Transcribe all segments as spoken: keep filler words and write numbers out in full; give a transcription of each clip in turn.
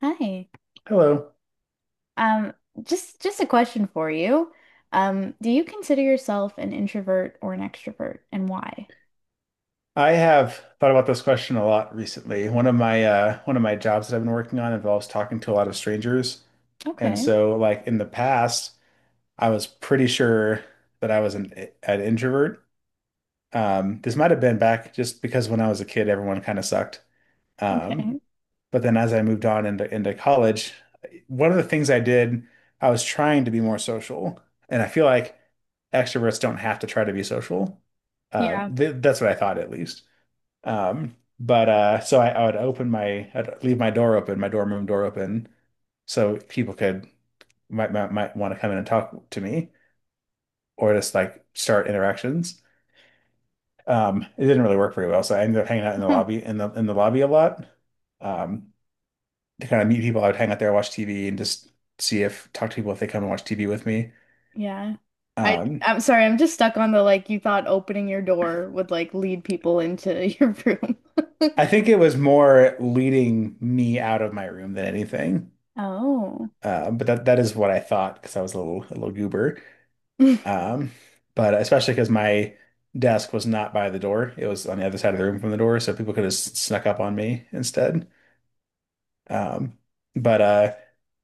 Hi. Hello. Um, just just a question for you. Um, do you consider yourself an introvert or an extrovert and why? I have thought about this question a lot recently. One of my uh, one of my jobs that I've been working on involves talking to a lot of strangers, and Okay. so like in the past, I was pretty sure that I was an an introvert. Um, this might have been back just because when I was a kid, everyone kind of sucked. Um, Okay. but then as I moved on into into college, one of the things I did, I was trying to be more social, and I feel like extroverts don't have to try to be social. Uh, Yeah. th that's what I thought at least. Um, but uh, so I, I would open my, I'd leave my door open, my dorm room door open, so people could might might, might want to come in and talk to me or just like start interactions. Um, it didn't really work very well, so I ended up hanging out in the lobby in the in the lobby a lot um, to kind of meet people. I would hang out there, watch T V, and just see if talk to people if they come and watch T V with me. Yeah. I Um, I'm sorry, I'm just stuck on the like you thought opening your door would like lead people into your room. I think it was more leading me out of my room than anything. Oh. Uh, but that that is what I thought because I was a little a little goober. Um, but especially because my desk was not by the door, it was on the other side of the room from the door, so people could have s- snuck up on me instead. Um, but uh,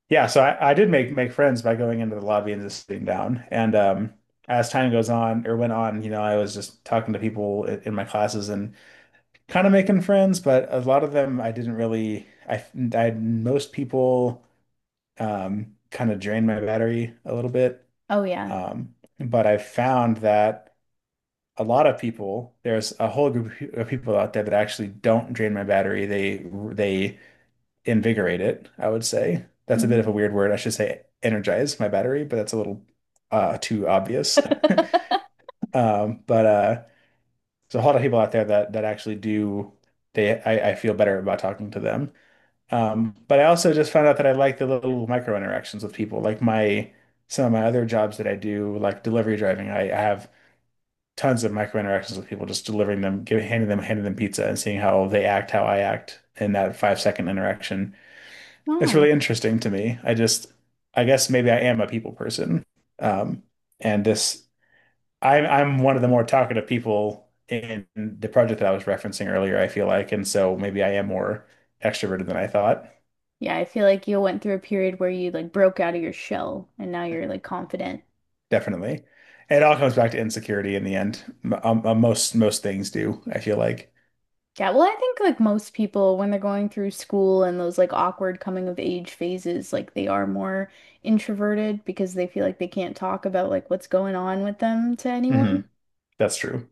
yeah, so I, I did make make friends by going into the lobby and just sitting down. And um, as time goes on or went on, you know, I was just talking to people in, in my classes and kind of making friends, but a lot of them I didn't really. I, I most people um, kind of drained my battery a little bit. Oh yeah. Um, but I found that. a lot of people, there's a whole group of people out there that actually don't drain my battery. They they invigorate it, I would say. That's a bit of a Mhm. weird word. I should say energize my battery, but that's a little uh too obvious. Um, but uh there's a lot of people out there that that actually do they I, I feel better about talking to them. Um, but I also just found out that I like the little micro interactions with people. Like my some of my other jobs that I do, like delivery driving, I, I have tons of micro interactions with people, just delivering them, giving, handing them, handing them pizza and seeing how they act, how I act in that five second interaction. It's Oh. really interesting to me. I just, I guess maybe I am a people person. Um, and this, I'm, I'm one of the more talkative people in the project that I was referencing earlier, I feel like. And so maybe I am more extroverted than I thought. Yeah, I feel like you went through a period where you like broke out of your shell and now you're like confident. Definitely. And It all comes back to insecurity in the end. M- um, uh, most most things do, I feel like. Yeah, well, I think like most people when they're going through school and those like awkward coming of age phases, like they are more introverted because they feel like they can't talk about like what's going on with them to Hmm. anyone. That's true.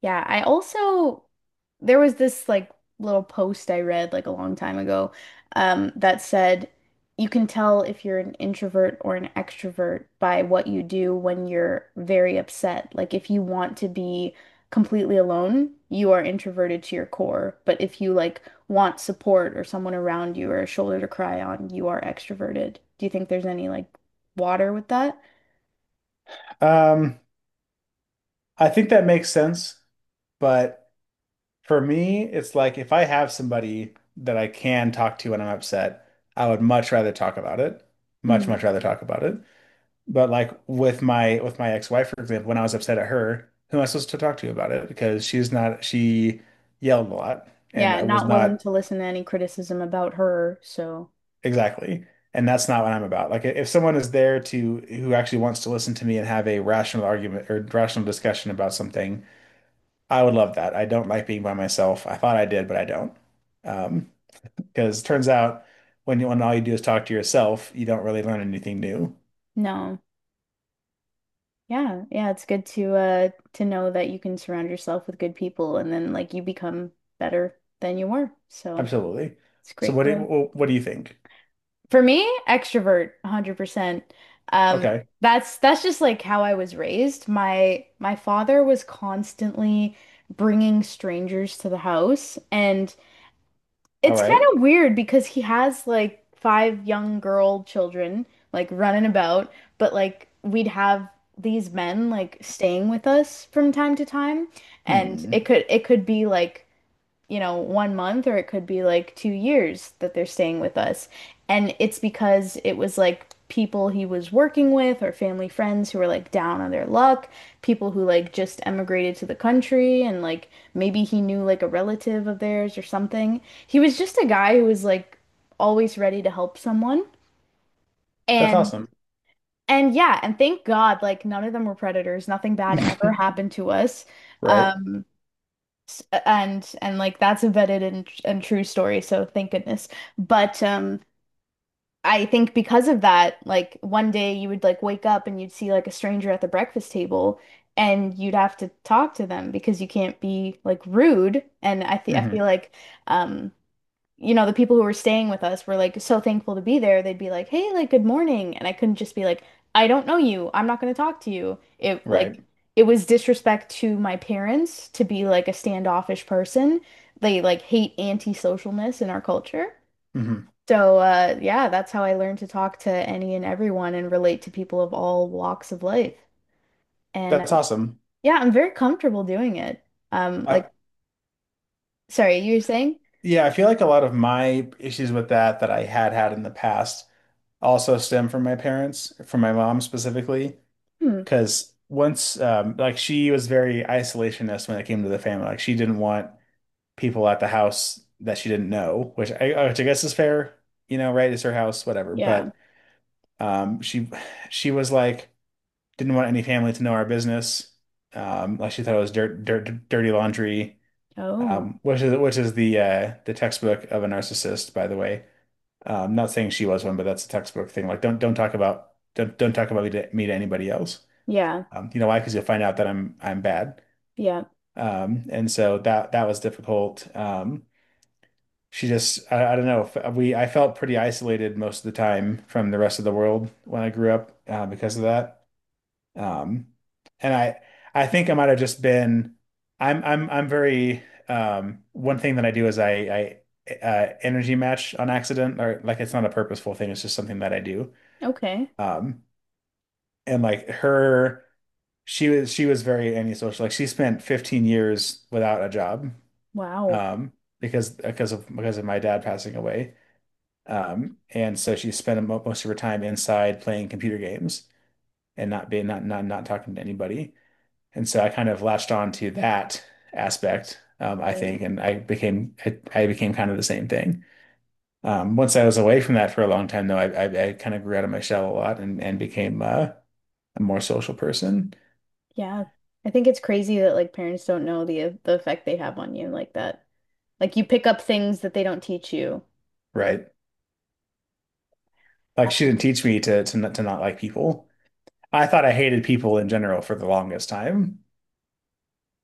Yeah, I also there was this like little post I read like a long time ago um, that said you can tell if you're an introvert or an extrovert by what you do when you're very upset. Like if you want to be completely alone, you are introverted to your core. But if you like want support or someone around you or a shoulder to cry on, you are extroverted. Do you think there's any like water with that? Um, I think that makes sense, but for me, it's like if I have somebody that I can talk to when I'm upset, I would much rather talk about it. Much, Hmm. much rather talk about it. But like with my with my ex-wife, for example, when I was upset at her, who am I supposed to talk to about it? Because she's not she yelled a lot and Yeah, I was not willing not. to listen to any criticism about her, so Exactly. And that's not what I'm about. Like if someone is there to who actually wants to listen to me and have a rational argument or rational discussion about something, I would love that. I don't like being by myself. I thought I did, but I don't. Um, because it turns out when you, when all you do is talk to yourself, you don't really learn anything new. no. Yeah, yeah, it's good to uh to know that you can surround yourself with good people and then like you become better than you were. So, Absolutely. it's So great what do you, growth. wh- what do you think? For me, extrovert one hundred percent. Um, Okay. that's that's just like how I was raised. My my father was constantly bringing strangers to the house, and All it's kind right. of weird because he has like five young girl children like running about, but like we'd have these men like staying with us from time to time, and Hmm. it could it could be like you know, one month, or it could be like two years that they're staying with us. And it's because it was like people he was working with or family friends who were like down on their luck, people who like just emigrated to the country, and like maybe he knew like a relative of theirs or something. He was just a guy who was like always ready to help someone. That's And awesome. and yeah, and thank God, like none of them were predators. Nothing bad ever happened to us. Right. Um S- uh, and and like that's embedded in, and and true story, so thank goodness. But um I think because of that, like one day you would like wake up and you'd see like a stranger at the breakfast table, and you'd have to talk to them because you can't be like rude. And I th I feel Hmm. like um you know, the people who were staying with us were like so thankful to be there. They'd be like, "Hey, like good morning." And I couldn't just be like, "I don't know you. I'm not going to talk to you." It Right. like it was disrespect to my parents to be like a standoffish person. They like hate antisocialness in our culture. Hmm. So, uh, yeah, that's how I learned to talk to any and everyone and relate to people of all walks of life. And That's um, awesome. yeah, I'm very comfortable doing it. Um, I, like, sorry, you were saying? yeah, I feel like a lot of my issues with that that I had had in the past also stem from my parents, from my mom specifically. Hmm. Because once, um, like she was very isolationist when it came to the family. Like she didn't want people at the house that she didn't know, which I, uh, which I guess is fair, you know, right? It's her house, whatever. Yeah. But um, she, she was like, didn't want any family to know our business. Um, like she thought it was dirt, dirt, dirty laundry, Oh, um, which is which is the uh, the textbook of a narcissist, by the way. Um, not saying she was one, but that's a textbook thing. Like, don't don't talk about don't don't talk about me to, me to anybody else. yeah. Um, you know why? Because you'll find out that I'm I'm bad. Yeah. Um, and so that that was difficult. Um, she just I, I don't know. F- We I felt pretty isolated most of the time from the rest of the world when I grew up uh, because of that. Um, and I I think I might have just been I'm I'm I'm very um, one thing that I do is I I uh, energy match on accident or like it's not a purposeful thing. It's just something that I do. Okay. Um, and like her. she was she was very antisocial. Like she spent fifteen years without a job, Wow. um, because because of because of my dad passing away. Um, and so she spent mo- most of her time inside playing computer games and not being not not not talking to anybody. And so I kind of latched on to that aspect, um, I Right. think, and I became I, I became kind of the same thing. Um, once I was away from that for a long time, though, I I, I kind of grew out of my shell a lot and and became uh, a more social person, Yeah. I think it's crazy that like parents don't know the uh, the effect they have on you like that. Like you pick up things that they don't teach you. right? Like she Uh, didn't teach me to to not, to not like people. I thought I hated people in general for the longest time.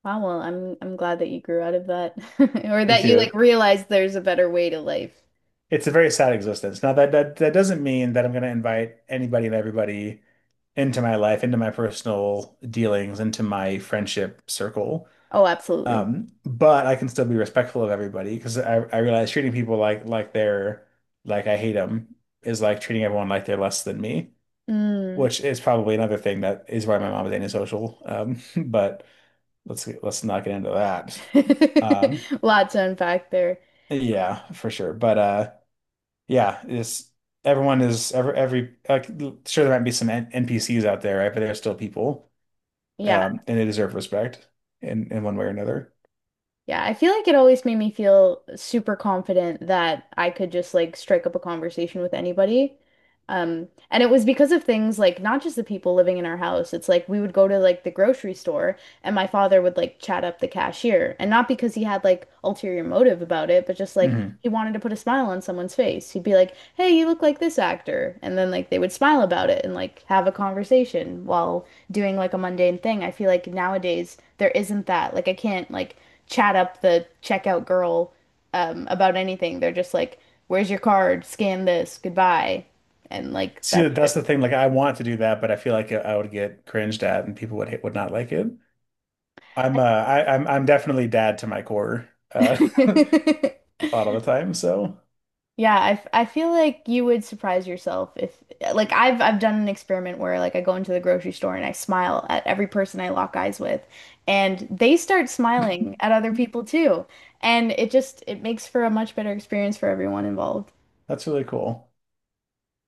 Wow, well, I'm I'm glad that you grew out of that or Me that you too. like realized there's a better way to life. It's a very sad existence. Now that that, that doesn't mean that I'm going to invite anybody and everybody into my life, into my personal dealings, into my friendship circle. Oh, absolutely. Um, but I can still be respectful of everybody because I, I realize treating people like like they're like I hate them is like treating everyone like they're less than me, Mm. which is probably another thing that is why my mom is antisocial. Um, but let's get, let's not get into that. Um, Lots to unpack there. yeah, for sure. But uh, yeah, is everyone is every every like sure there might be some N NPCs out there, right? But they're still people, Yeah. um, and they deserve respect in in one way or another. Yeah, I feel like it always made me feel super confident that I could just like strike up a conversation with anybody. Um, and it was because of things like not just the people living in our house. It's like we would go to like the grocery store, and my father would like chat up the cashier. And not because he had like ulterior motive about it, but just like Hmm. he wanted to put a smile on someone's face. He'd be like, "Hey, you look like this actor." And then like they would smile about it and like have a conversation while doing like a mundane thing. I feel like nowadays there isn't that. Like I can't like chat up the checkout girl um, about anything. They're just like, "Where's your card? Scan this. Goodbye," and like See, that's that's the thing. Like, I want to do that, but I feel like I would get cringed at, and people would would not like it. I'm uh, it. I, I'm I'm definitely dad to my core uh, a lot of the time, so Yeah, I, f- I feel like you would surprise yourself if like I've I've done an experiment where like I go into the grocery store and I smile at every person I lock eyes with, and they start smiling at other people too. And it just it makes for a much better experience for everyone involved. that's really cool.